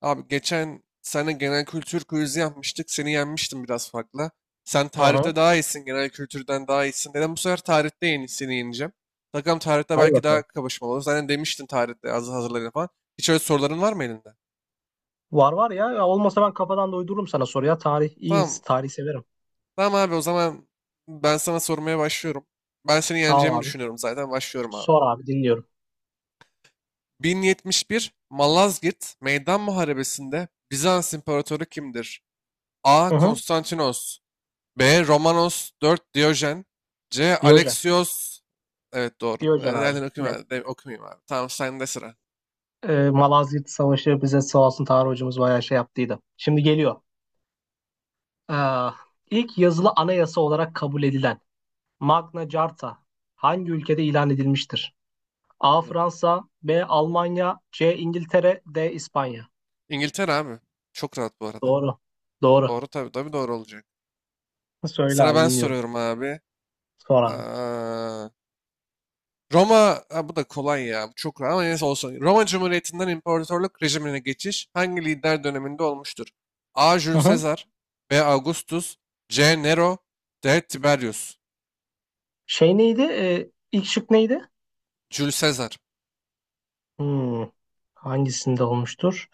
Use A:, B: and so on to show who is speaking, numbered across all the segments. A: Abi geçen sene genel kültür quizi yapmıştık. Seni yenmiştim biraz farkla. Sen
B: Hı hı.
A: tarihte daha iyisin. Genel kültürden daha iyisin. Dedim bu sefer tarihte yeni, seni yeneceğim. Bakalım tarihte
B: Hadi
A: belki daha
B: bakalım.
A: kapışmalı olur. Zaten demiştin tarihte az hazırlayın falan. Hiç öyle soruların var mı elinde?
B: Var var ya. Ya olmasa ben kafadan da uydururum sana soru ya. Tarih iyi.
A: Tamam.
B: Tarih severim.
A: Tamam abi o zaman ben sana sormaya başlıyorum. Ben seni
B: Tamam
A: yeneceğimi
B: abi.
A: düşünüyorum zaten. Başlıyorum abi.
B: Sor abi, dinliyorum.
A: 1071 Malazgirt Meydan Muharebesi'nde Bizans İmparatoru kimdir? A.
B: Hı hı.
A: Konstantinos B. Romanos 4 Diyojen. C.
B: Diyojen.
A: Alexios. Evet doğru.
B: Diyojen abi.
A: Yani okuyayım,
B: Net.
A: abi, okumayayım abi. Tamam sende sıra.
B: Malazgirt Savaşı bize sağ olsun, tarih hocamız bayağı şey yaptıydı. Şimdi geliyor. Ee, ilk yazılı anayasa olarak kabul edilen Magna Carta hangi ülkede ilan edilmiştir? A.
A: Evet.
B: Fransa, B. Almanya, C. İngiltere, D. İspanya.
A: İngiltere abi. Çok rahat bu arada.
B: Doğru. Doğru.
A: Doğru tabii tabii doğru olacak.
B: Söyle
A: Sıra
B: abi,
A: ben
B: dinliyorum.
A: soruyorum abi.
B: Sor abi.
A: Aa, Roma ha, bu da kolay ya. Bu çok rahat ama neyse olsun. Roma Cumhuriyeti'nden imparatorluk rejimine geçiş hangi lider döneminde olmuştur? A.
B: Hı
A: Jules
B: hı.
A: Caesar B. Augustus C. Nero D. Tiberius.
B: Şey neydi? İlk şık neydi?
A: Jules Caesar.
B: Hmm, hangisinde olmuştur?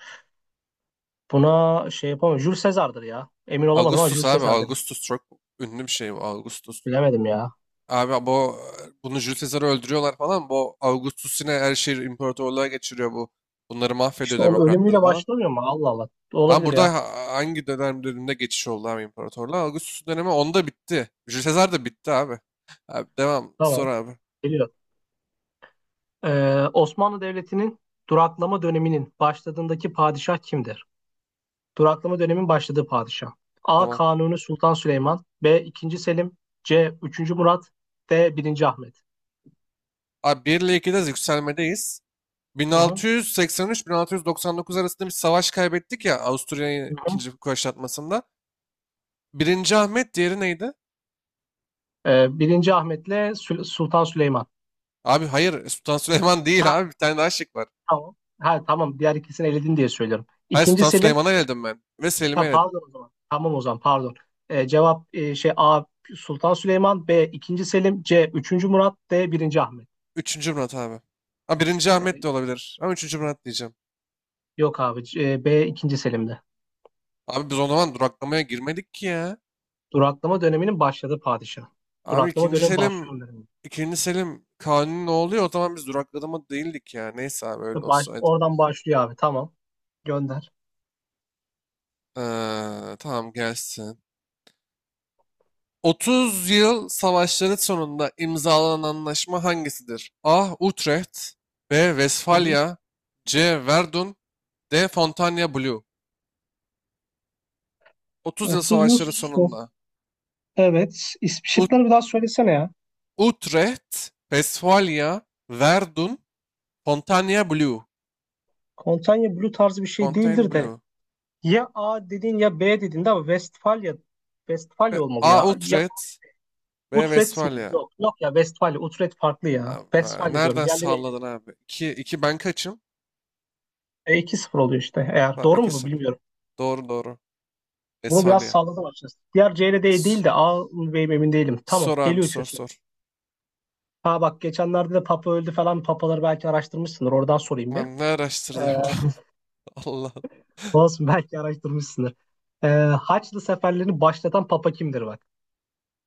B: Buna şey yapamam. Jules Caesar'dır ya. Emin olamadım ama
A: Augustus
B: Jules
A: abi.
B: Caesar'dır.
A: Augustus çok ünlü bir şey bu. Augustus.
B: Bilemedim ya.
A: Abi bunu Jules Caesar'ı öldürüyorlar falan. Bu Augustus yine her şeyi imparatorluğa geçiriyor bu. Bunları mahvediyor
B: İşte onun
A: demokratları
B: ölümüyle
A: falan.
B: başlamıyor mu? Allah Allah.
A: Ama
B: Olabilir
A: burada
B: ya.
A: hangi döneminde geçiş oldu abi imparatorluğa? Augustus dönemi onda bitti. Jules Caesar da bitti abi. Abi devam. Sor
B: Tamam.
A: abi.
B: Geliyor. Osmanlı Devleti'nin duraklama döneminin başladığındaki padişah kimdir? Duraklama dönemin başladığı padişah. A.
A: Tamam.
B: Kanuni Sultan Süleyman. B. 2. Selim. C. Üçüncü Murat. D. Birinci Ahmet.
A: Abi 1 ile 2'de yükselmedeyiz.
B: Hı hı.
A: 1683-1699 arasında bir savaş kaybettik ya Avusturya'yı
B: Hı hı.
A: ikinci kuşatmasında. Birinci Ahmet diğeri neydi?
B: 1. Ahmet'le Sultan Süleyman.
A: Abi hayır Sultan Süleyman
B: Ha,
A: değil abi. Bir tane daha şık var.
B: tamam. Ha, tamam, diğer ikisini eledin diye söylüyorum.
A: Hayır
B: İkinci
A: Sultan
B: Selim.
A: Süleyman'a eledim ben. Ve
B: Ha,
A: Selim'e eledim.
B: pardon o zaman. Tamam, o zaman pardon. Cevap A. Sultan Süleyman. B. ikinci Selim. C. Üçüncü Murat. D. Birinci Ahmet.
A: Üçüncü Murat abi. Ha birinci Ahmet de
B: Ee,
A: olabilir. Ama üçüncü Murat diyeceğim.
B: yok abi. B. ikinci Selim'de.
A: Abi biz o zaman duraklamaya girmedik ki ya.
B: Duraklama döneminin başladığı padişah.
A: Abi
B: Duraklama dönemi başlıyor.
A: İkinci Selim Kanuni ne oluyor? O zaman biz duraklama değildik ya. Neyse abi öyle
B: Baş,
A: olsaydı.
B: oradan başlıyor abi. Tamam. Gönder.
A: Tamam gelsin. Otuz Yıl Savaşları sonunda imzalanan anlaşma hangisidir? A. Utrecht B.
B: Tamam.
A: Westfalia C. Verdun D. Fontainebleau Blue 30 Yıl
B: 30 yıl
A: Savaşları sonunda
B: Evet.
A: Ut
B: Şıkları bir daha söylesene ya.
A: Utrecht, Westfalia, Verdun, Fontainebleau
B: Kontanya Blue tarzı bir şey değildir de.
A: Fontainebleau.
B: Ya A dedin ya B dedin de ama Westfalia Westfalia olmalı
A: A.
B: ya. Ya
A: Utrecht B.
B: Utrecht mi?
A: Westfalia.
B: Yok yok ya Westfalia. Utrecht farklı ya.
A: Tamam,
B: Westfalia diyorum.
A: Nereden
B: Diğerleri
A: sağladın abi? 2, 2 ben kaçım?
B: 2-0 oluyor işte. Eğer
A: Tamam
B: doğru mu bu
A: 2-0.
B: bilmiyorum.
A: Doğru doğru.
B: Bunu biraz
A: Westfalia.
B: salladım açıkçası. Diğer C ile D
A: S-
B: değil de A mı B mi emin değilim. Tamam,
A: Sor abi
B: geliyor
A: sor
B: üçüncüsü.
A: sor.
B: Ha bak, geçenlerde de Papa öldü falan. Papaları belki araştırmışsındır. Oradan sorayım bir.
A: Lan ne araştırdı
B: Ee,
A: ya? Allah.
B: olsun belki araştırmışsındır. Ee, Haçlı seferlerini başlatan Papa kimdir bak.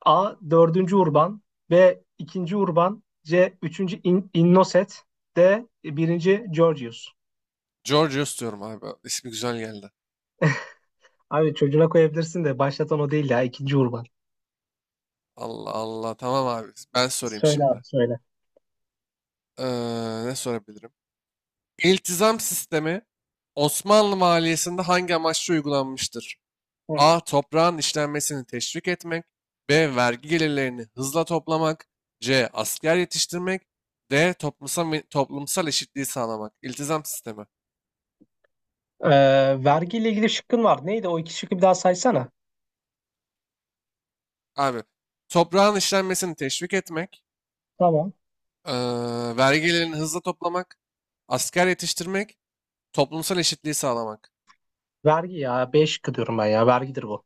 B: A. dördüncü Urban B. ikinci Urban C. üçüncü Innoset D. birinci Georgius.
A: Georgios diyorum abi. İsmi güzel geldi.
B: Abi çocuğuna koyabilirsin de başlatan o değil ya. İkinci Urban.
A: Allah Allah. Tamam abi. Ben sorayım
B: Söyle
A: şimdi.
B: abi söyle.
A: Ne sorabilirim? İltizam sistemi Osmanlı maliyesinde hangi amaçla uygulanmıştır?
B: Hı hı.
A: A. Toprağın işlenmesini teşvik etmek. B. Vergi gelirlerini hızla toplamak. C. Asker yetiştirmek. D. Toplumsal eşitliği sağlamak. İltizam sistemi.
B: Ee, vergiyle ilgili şıkkın var. Neydi o iki şıkkı bir daha saysana.
A: Abi. Toprağın işlenmesini teşvik etmek.
B: Tamam.
A: Vergilerini hızlı toplamak, asker yetiştirmek, toplumsal eşitliği sağlamak.
B: Vergi ya. B şıkkı diyorum ben ya. Vergidir bu.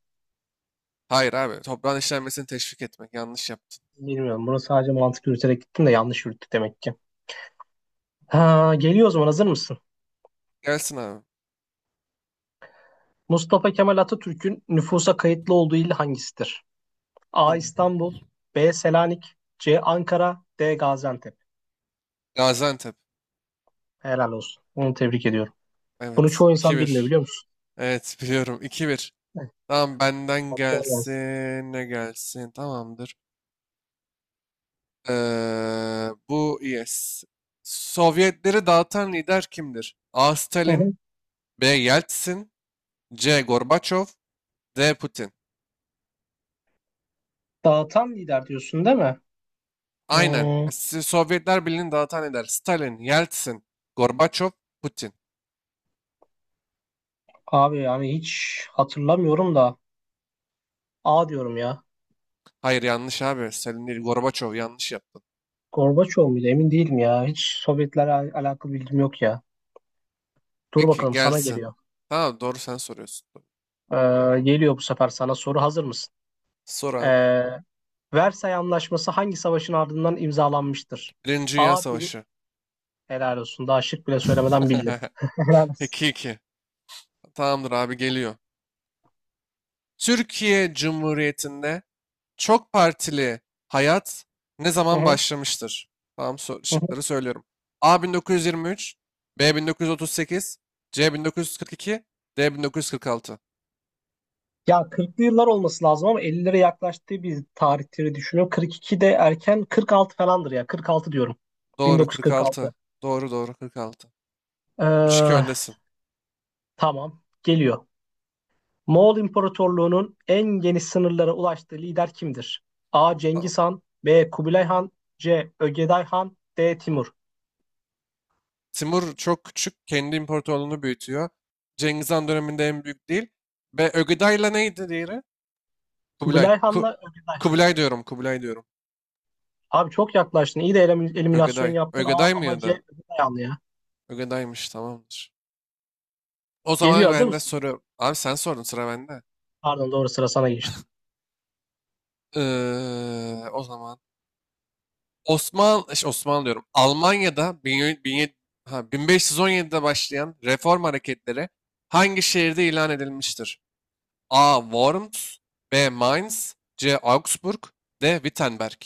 A: Hayır abi, toprağın işlenmesini teşvik etmek. Yanlış yaptın.
B: Bilmiyorum. Bunu sadece mantık yürüterek gittim de yanlış yürüttük demek ki. Ha, geliyor o zaman. Hazır mısın?
A: Gelsin abi.
B: Mustafa Kemal Atatürk'ün nüfusa kayıtlı olduğu il hangisidir? A.
A: Tamam.
B: İstanbul B. Selanik C. Ankara D. Gaziantep.
A: Gaziantep.
B: Helal olsun. Onu tebrik ediyorum. Bunu
A: Evet.
B: çoğu
A: 2
B: insan bilmiyor,
A: bir.
B: biliyor musun?
A: Evet biliyorum. 2 bir.
B: Evet.
A: Tamam benden
B: Hatta gelsin.
A: gelsin. Ne gelsin? Tamamdır. Bu yes. Sovyetleri dağıtan lider kimdir? A.
B: Hı
A: Stalin,
B: hı.
A: B. Yeltsin, C. Gorbaçov, D. Putin.
B: Dağıtan lider diyorsun değil mi?
A: Aynen.
B: Hmm,
A: Sovyetler Birliği'ni dağıtan eder. Stalin, Yeltsin, Gorbaçov, Putin.
B: abi yani hiç hatırlamıyorum da A diyorum ya.
A: Hayır yanlış abi. Stalin değil Gorbaçov yanlış yaptın.
B: Gorbaçov muydu? Emin değilim ya. Hiç Sovyetlerle alakalı bilgim yok ya. Dur
A: Peki
B: bakalım, sana
A: gelsin.
B: geliyor.
A: Tamam doğru sen soruyorsun.
B: Ee, geliyor bu sefer sana soru. Hazır mısın?
A: Sor abi.
B: Ee, Versay Anlaşması hangi savaşın ardından imzalanmıştır?
A: Birinci Dünya
B: A.
A: Savaşı.
B: Helal olsun. Daha şık bile söylemeden bildin. Helal olsun.
A: 2-2. Tamamdır abi geliyor. Türkiye Cumhuriyeti'nde çok partili hayat ne
B: Hı
A: zaman
B: hı,
A: başlamıştır? Tamam
B: hı hı.
A: şıkları söylüyorum. A 1923, B 1938, C 1942, D 1946.
B: Ya 40'lı yıllar olması lazım ama 50'lere yaklaştığı bir tarihleri düşünüyorum. 42 de erken, 46 falandır ya. 46 diyorum.
A: Doğru 46.
B: 1946.
A: Doğru doğru 46. 3-2
B: Ee,
A: öndesin.
B: tamam. Geliyor. Moğol İmparatorluğu'nun en geniş sınırlara ulaştığı lider kimdir? A.
A: Tamam.
B: Cengiz Han B. Kubilay Han C. Ögeday Han D. Timur.
A: Timur çok küçük. Kendi imparatorluğunu büyütüyor. Cengiz Han döneminde en büyük değil. Ve Ögeday'la neydi diğeri? Kubilay.
B: Kubilay Han'la Ögeday Han.
A: Kubilay diyorum. Kubilay diyorum.
B: Abi çok yaklaştın. İyi de eliminasyon
A: Ögeday.
B: yaptın ama
A: Ögeday
B: ama C.
A: mıydı?
B: Ögeday Han ya.
A: Ögeday'mış tamamdır. O
B: Geliyor,
A: zaman
B: hazır
A: ben de
B: mısın?
A: soruyorum. Abi sen sordun sıra bende.
B: Pardon, doğru sıra sana geçti.
A: O zaman. Osmanlı diyorum. Almanya'da 1517'de başlayan reform hareketleri hangi şehirde ilan edilmiştir? A. Worms B. Mainz C. Augsburg D. Wittenberg.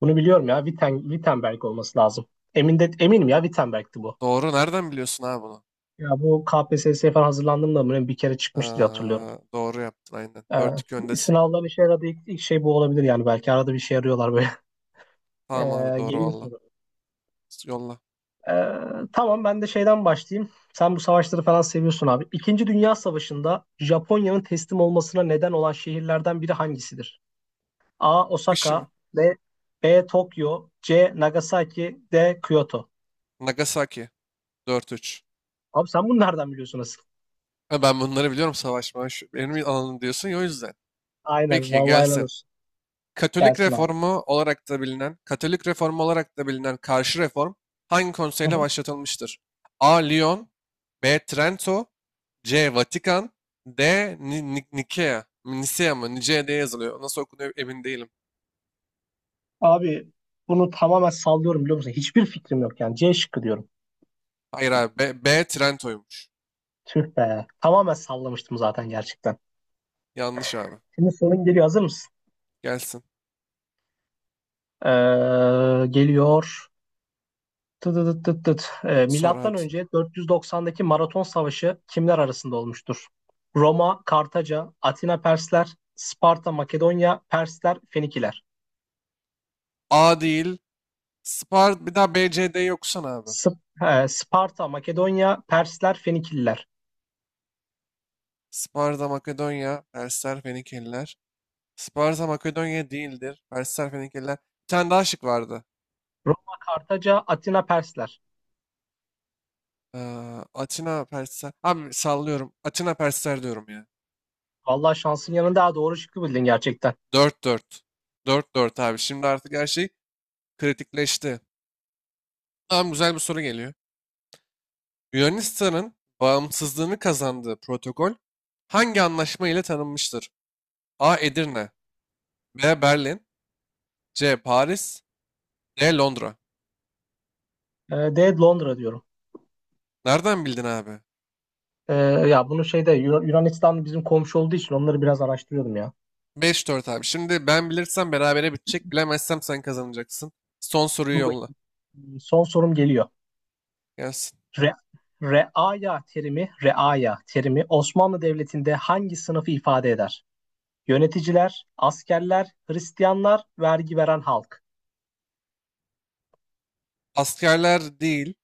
B: Bunu biliyorum ya. Wittenberg olması lazım. Eminim ya, Wittenberg'ti bu.
A: Doğru. Nereden biliyorsun abi bunu?
B: Ya bu KPSS'ye falan hazırlandığımda böyle bir kere
A: Ha,
B: çıkmıştı diye hatırlıyorum.
A: doğru yaptın aynen.
B: Ee,
A: 4-2 öndesin.
B: sınavlar işe yaradı. İlk şey bu olabilir yani. Belki arada bir şey arıyorlar böyle.
A: Tamam abi
B: Ee,
A: doğru
B: geliyor
A: valla.
B: soru.
A: Yolla.
B: Tamam, ben de şeyden başlayayım. Sen bu savaşları falan seviyorsun abi. İkinci Dünya Savaşı'nda Japonya'nın teslim olmasına neden olan şehirlerden biri hangisidir? A.
A: Kişi mi?
B: Osaka B. Tokyo C. Nagasaki D. Kyoto.
A: Nagasaki. 4-3.
B: Abi sen bunu nereden biliyorsun asıl?
A: Ha, ben bunları biliyorum savaşma. Şu, benim alanım diyorsun ya o yüzden.
B: Aynen.
A: Peki
B: Vallahi helal
A: gelsen.
B: olsun. Gelsin abi.
A: Katolik reformu olarak da bilinen karşı reform hangi
B: Hı
A: konseyle
B: hı.
A: başlatılmıştır? A. Lyon B. Trento C. Vatikan D. Nikea Nisea mı? Nicea diye yazılıyor. Nasıl okunuyor emin değilim.
B: Abi bunu tamamen sallıyorum, biliyor musun? Hiçbir fikrim yok yani. C şıkkı diyorum.
A: Hayır abi. B Trento'ymuş.
B: Tüh be. Tamamen sallamıştım zaten gerçekten.
A: Yanlış abi.
B: Şimdi sorun geliyor. Hazır mısın?
A: Gelsin.
B: Geliyor. Tı tı tı tı tı. Ee,
A: Sor
B: milattan
A: abi.
B: önce 490'daki Maraton Savaşı kimler arasında olmuştur? Roma, Kartaca, Atina Persler, Sparta, Makedonya, Persler, Fenikiler.
A: A değil. Bir daha B, C, D'yi okusana abi.
B: Sp- Sparta, Makedonya, Persler, Fenikililer.
A: Sparta, Makedonya, Persler, Fenikeliler. Sparta, Makedonya değildir. Persler, Fenikeliler. Bir tane daha şık vardı.
B: Roma, Kartaca, Atina, Persler.
A: Ee, Atina Persler. Abi sallıyorum. Atina Persler diyorum ya.
B: Vallahi şansın yanında daha doğru şıkkı bildin gerçekten.
A: Dört dört, dört dört abi. Şimdi artık her şey kritikleşti. Tamam güzel bir soru geliyor. Yunanistan'ın bağımsızlığını kazandığı protokol hangi anlaşma ile tanınmıştır? A. Edirne B. Berlin C. Paris D. Londra
B: De Londra diyorum.
A: Nereden bildin abi?
B: Ee, ya bunu şeyde Yunanistan bizim komşu olduğu için onları biraz araştırıyordum ya.
A: 5-4 abi. Şimdi ben bilirsem berabere bitecek. Bilemezsem sen kazanacaksın. Son soruyu
B: Dur
A: yolla.
B: bakayım. Son sorum geliyor.
A: Gelsin.
B: Re, reaya terimi Osmanlı Devleti'nde hangi sınıfı ifade eder? Yöneticiler, askerler, Hristiyanlar, vergi veren halk.
A: Askerler değil.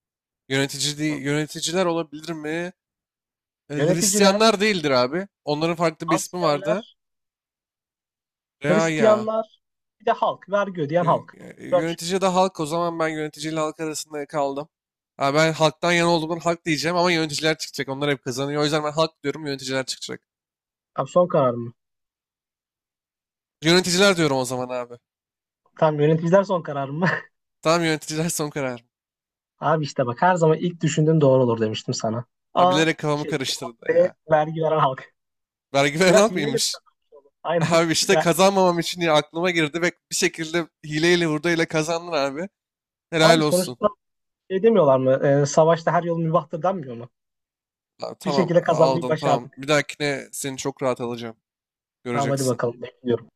A: Yönetici değil, yöneticiler olabilir mi?
B: Yöneticiler,
A: Hristiyanlar değildir abi. Onların farklı bir ismi vardı.
B: askerler,
A: Reaya.
B: Hristiyanlar, bir de halk, vergi ödeyen
A: Yö-
B: halk. Dört şık.
A: Yönetici de halk. O zaman ben yöneticiyle halk arasında kaldım. Ha, ben halktan yana olduğumdan halk diyeceğim ama yöneticiler çıkacak. Onlar hep kazanıyor. O yüzden ben halk diyorum, yöneticiler çıkacak.
B: Abi son karar.
A: Yöneticiler diyorum o zaman abi.
B: Tam yöneticiler son karar mı?
A: Tamam yöneticiler son karar.
B: Abi işte bak, her zaman ilk düşündüğün doğru olur demiştim sana.
A: Abi
B: A
A: bilerek kafamı
B: şey cevap
A: karıştırdı
B: B,
A: ya.
B: vergi veren halk.
A: Vergi veren
B: Biraz
A: halk
B: hileyle mi
A: mıymış?
B: kazanmış oğlum? Aynen.
A: Abi işte
B: Ya,
A: kazanmamam için diye aklıma girdi ve bir şekilde hileyle hurdayla kazandın abi. Helal
B: abi
A: olsun.
B: sonuçta şey demiyorlar mı? Savaşta her yol mübahtır denmiyor mu?
A: Abi
B: Bir
A: tamam
B: şekilde kazanmayı
A: aldın tamam.
B: başardık.
A: Bir dahakine seni çok rahat alacağım.
B: Tamam, hadi
A: Göreceksin.
B: bakalım, bekliyorum.